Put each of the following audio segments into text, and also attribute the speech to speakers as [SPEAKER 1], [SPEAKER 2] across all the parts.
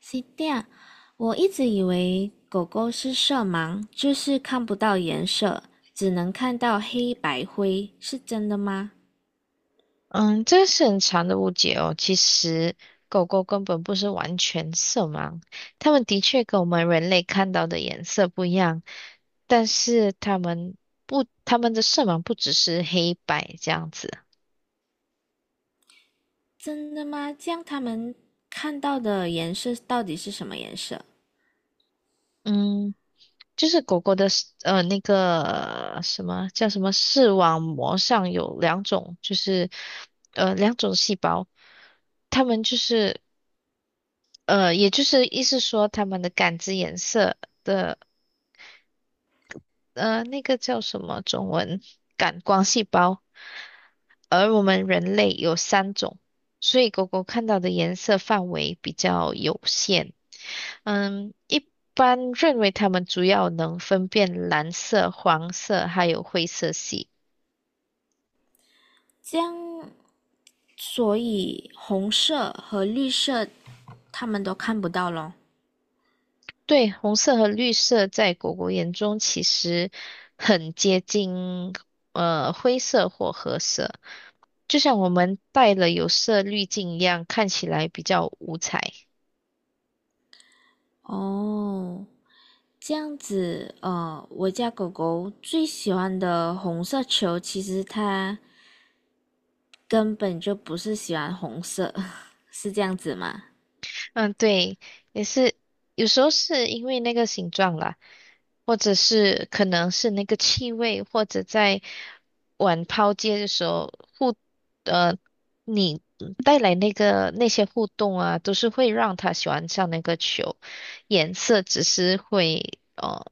[SPEAKER 1] 是这我一直以为狗狗是色盲，就是看不到颜色，只能看到黑白灰，是真的吗？
[SPEAKER 2] 嗯，这个是很长的误解哦。其实狗狗根本不是完全色盲，它们的确跟我们人类看到的颜色不一样，但是它们的色盲不只是黑白这样子。
[SPEAKER 1] 真的吗？这样它们看到的颜色到底是什么颜色？
[SPEAKER 2] 嗯，就是狗狗的视呃那个什么叫什么视网膜上有两种，就是两种细胞，它们也就是意思说它们的感知颜色。的。那个叫什么中文？感光细胞。而我们人类有三种，所以狗狗看到的颜色范围比较有限。嗯，一般认为它们主要能分辨蓝色、黄色还有灰色系。
[SPEAKER 1] 这样，所以红色和绿色它们都看不到咯。
[SPEAKER 2] 对，红色和绿色在狗狗眼中其实很接近，灰色或褐色，就像我们戴了有色滤镜一样，看起来比较五彩。
[SPEAKER 1] 哦，这样子，我家狗狗最喜欢的红色球，其实它根本就不是喜欢红色，是这样子吗？
[SPEAKER 2] 嗯，对，也是，有时候是因为那个形状啦，或者是可能是那个气味，或者在玩抛接的时候互，呃，你带来那些互动啊，都是会让他喜欢上那个球，颜色只是会，呃，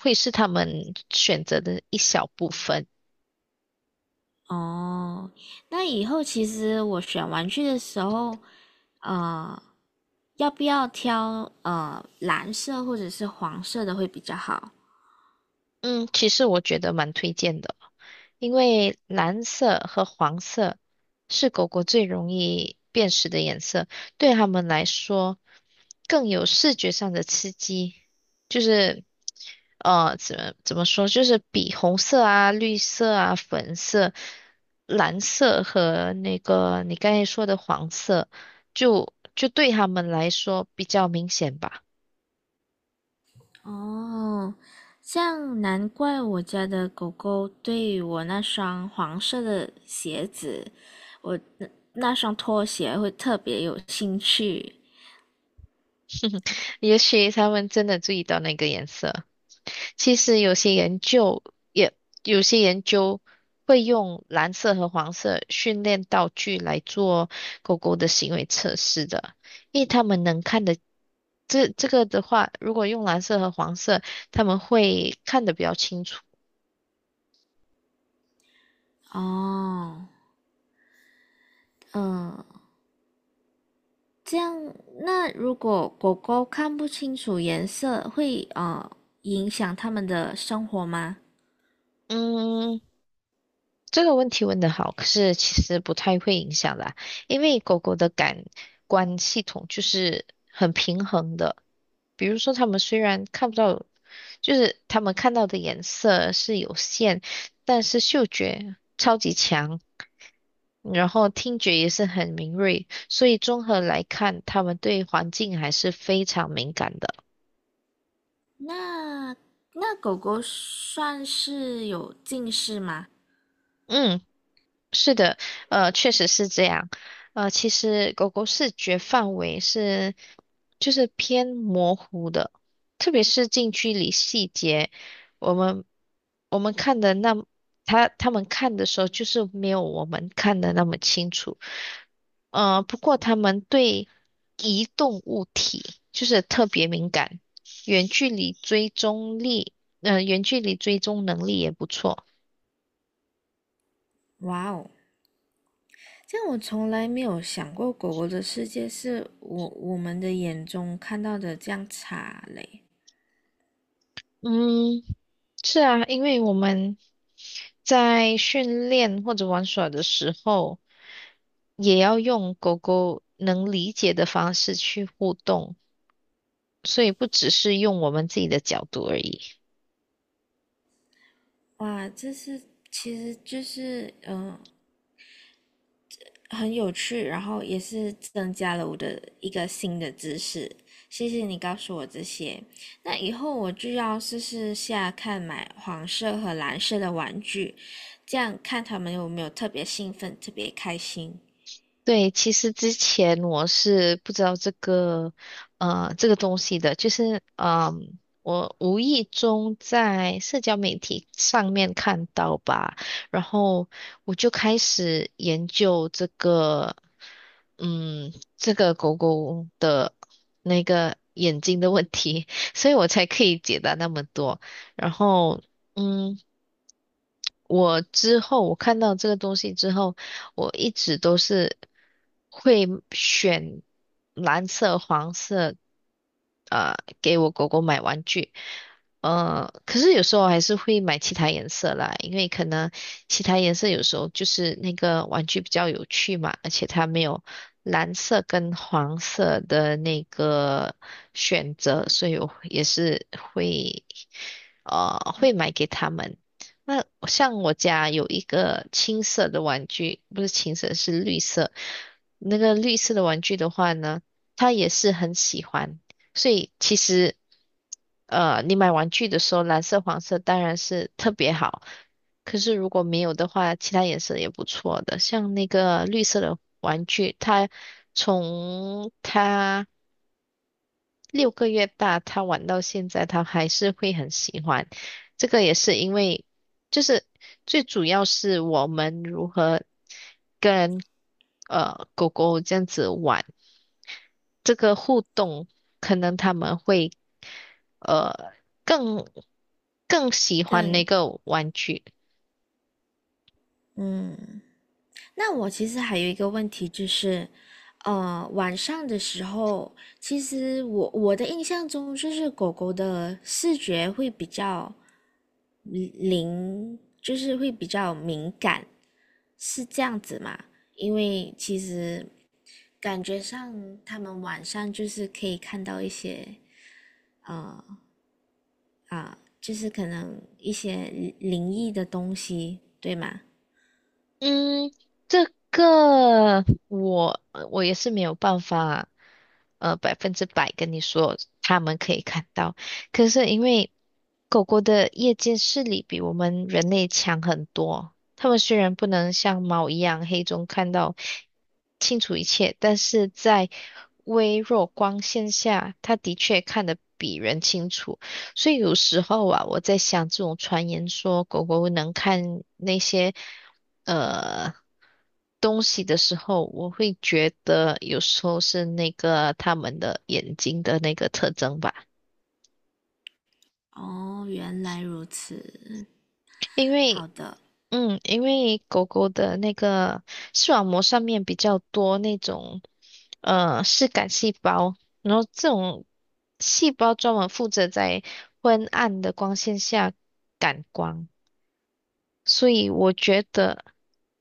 [SPEAKER 2] 会是他们选择的一小部分。
[SPEAKER 1] 哦，那以后其实我选玩具的时候，呃，要不要挑蓝色或者是黄色的会比较好？
[SPEAKER 2] 嗯，其实我觉得蛮推荐的。因为蓝色和黄色是狗狗最容易辨识的颜色，对它们来说更有视觉上的刺激，就是怎么说，就是比红色啊、绿色啊、粉色、蓝色和那个你刚才说的黄色，就对它们来说比较明显吧。
[SPEAKER 1] 哦，这样难怪我家的狗狗对我那双黄色的鞋子，我那那双拖鞋会特别有兴趣。
[SPEAKER 2] 也许它们真的注意到那个颜色。其实有些研究也有些研究会用蓝色和黄色训练道具来做狗狗的行为测试的，因为他们能看的这这个的话，如果用蓝色和黄色，他们会看得比较清楚。
[SPEAKER 1] 哦，嗯，这样，那如果狗狗看不清楚颜色，会影响它们的生活吗？
[SPEAKER 2] 嗯，这个问题问的好，可是其实不太会影响啦，因为狗狗的感官系统就是很平衡的。比如说，它们虽然看不到，就是它们看到的颜色是有限，但是嗅觉超级强，然后听觉也是很敏锐，所以综合来看，它们对环境还是非常敏感的。
[SPEAKER 1] 那那狗狗算是有近视吗？
[SPEAKER 2] 嗯。是的，确实是这样。其实狗狗视觉范围就是偏模糊的，特别是近距离细节，我们我们看的它们看的时候，就是没有我们看的那么清楚。不过它们对移动物体就是特别敏感，远距离追踪力，远距离追踪能力也不错。
[SPEAKER 1] 哇哦，这样我从来没有想过狗狗的世界是我们的眼中看到的这样差嘞。
[SPEAKER 2] 嗯。是啊，因为我们在训练或者玩耍的时候，也要用狗狗能理解的方式去互动，所以不只是用我们自己的角度而已。
[SPEAKER 1] 哇，这是其实就是很有趣，然后也是增加了我的一个新的知识。谢谢你告诉我这些，那以后我就要试试下看买黄色和蓝色的玩具，这样看他们有没有特别兴奋、特别开心。
[SPEAKER 2] 对，其实之前我是不知道这个东西的，就是，我无意中在社交媒体上面看到吧，然后我就开始研究这个，嗯，这个狗狗的那个眼睛的问题，所以我才可以解答那么多，然后，嗯。我之后我看到这个东西之后，我一直都是会选蓝色、黄色，呃，给我狗狗买玩具。可是有时候还是会买其他颜色啦，因为可能其他颜色有时候就是那个玩具比较有趣嘛，而且它没有蓝色跟黄色的那个选择，所以我也是会会买给他们。那像我家有一个青色的玩具，不是青色，是绿色。那个绿色的玩具的话呢，他也是很喜欢。所以其实，你买玩具的时候，蓝色、黄色当然是特别好。可是如果没有的话，其他颜色也不错的。像那个绿色的玩具，它从它6个月大，他玩到现在，他还是会很喜欢。这个也是因为，就是最主要是我们如何跟狗狗这样子玩，这个互动，可能他们会呃更更喜欢那
[SPEAKER 1] 更
[SPEAKER 2] 个玩具。
[SPEAKER 1] 嗯，那我其实还有一个问题就是，晚上的时候，其实我的印象中就是狗狗的视觉会比较嗯灵，就是会比较敏感。是这样子嘛？因为其实感觉上他们晚上就是可以看到一些呃啊，就是可能一些灵灵异的东西，对吗？
[SPEAKER 2] 嗯，这个我也是没有办法，百分之百跟你说他们可以看到。可是因为狗狗的夜间视力比我们人类强很多，它们虽然不能像猫一样黑中看到清楚一切，但是在微弱光线下，它的确看得比人清楚。所以有时候啊，我在想这种传言说狗狗能看那些。呃东西的时候，我会觉得有时候是那个它们的眼睛的那个特征吧，
[SPEAKER 1] 哦，原来如此。
[SPEAKER 2] 因
[SPEAKER 1] 好
[SPEAKER 2] 为
[SPEAKER 1] 的，
[SPEAKER 2] 因为狗狗的那个视网膜上面比较多那种视感细胞，然后这种细胞专门负责在昏暗的光线下感光，所以我觉得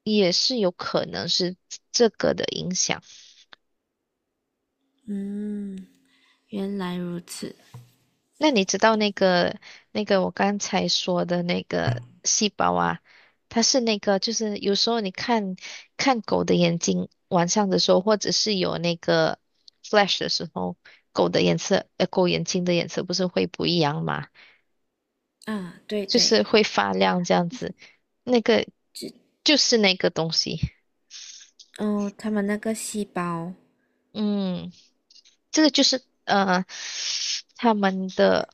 [SPEAKER 2] 也是有可能是这个的影响。
[SPEAKER 1] 嗯，原来如此。
[SPEAKER 2] 那你知道那个我刚才说的那个细胞啊，它是那个就是有时候你看看狗的眼睛，晚上的时候，或者是有那个 flash 的时候，狗的颜色，狗眼睛的颜色不是会不一样嘛，
[SPEAKER 1] 啊，对
[SPEAKER 2] 就
[SPEAKER 1] 对，
[SPEAKER 2] 是会发亮这样子，那个
[SPEAKER 1] 只
[SPEAKER 2] 就是那个东西，
[SPEAKER 1] 哦，他们那个细胞
[SPEAKER 2] 嗯，这个就是他们的。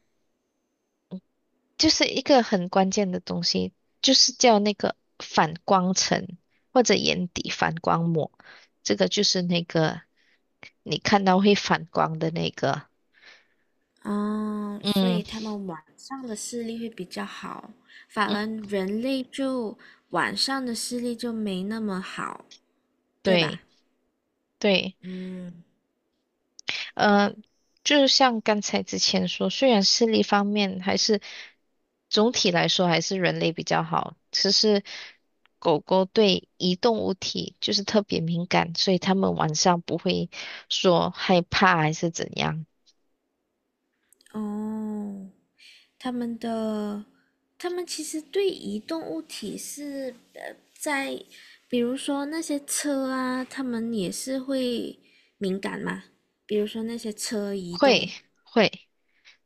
[SPEAKER 2] 就是一个很关键的东西，就是叫那个反光层或者眼底反光膜，这个就是那个你看到会反光的那个。
[SPEAKER 1] 嗯，所
[SPEAKER 2] 嗯
[SPEAKER 1] 以他们晚上的视力会比较好，反
[SPEAKER 2] 嗯，
[SPEAKER 1] 而人类就晚上的视力就没那么好，对吧？
[SPEAKER 2] 对对，
[SPEAKER 1] 嗯，
[SPEAKER 2] 呃，就像刚才之前说，虽然视力方面还是总体来说还是人类比较好，只是狗狗对移动物体就是特别敏感，所以它们晚上不会说害怕还是怎样。
[SPEAKER 1] 哦，他们的，他们其实对移动物体是在比如说那些车啊，他们也是会敏感嘛。比如说那些车移
[SPEAKER 2] 会
[SPEAKER 1] 动
[SPEAKER 2] 会，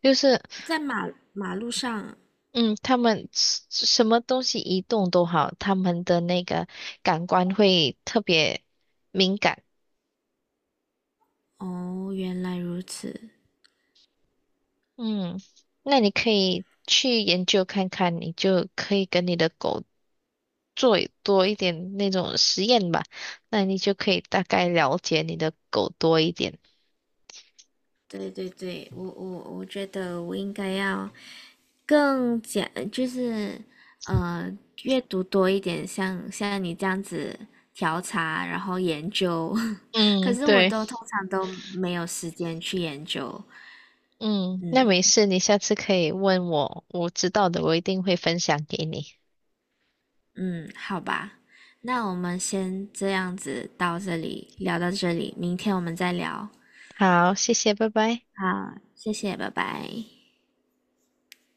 [SPEAKER 2] 就是
[SPEAKER 1] 在马路上，
[SPEAKER 2] 嗯，他们什么东西移动都好，他们的那个感官会特别敏感。
[SPEAKER 1] 哦，原来如此。
[SPEAKER 2] 嗯，那你可以去研究看看，你就可以跟你的狗做多一点那种实验吧，那你就可以大概了解你的狗多一点。
[SPEAKER 1] 对对对，我我觉得我应该要更讲，就是呃，阅读多一点，像你这样子调查，然后研究。可
[SPEAKER 2] 嗯，
[SPEAKER 1] 是我
[SPEAKER 2] 对，
[SPEAKER 1] 都通常都没有时间去研究。
[SPEAKER 2] 嗯，那没
[SPEAKER 1] 嗯
[SPEAKER 2] 事，你下次可以问我，我知道的，我一定会分享给你。
[SPEAKER 1] 嗯，好吧，那我们先这样子到这里，聊到这里，明天我们再聊。
[SPEAKER 2] 好，谢谢，拜拜。
[SPEAKER 1] 好，谢谢，拜拜。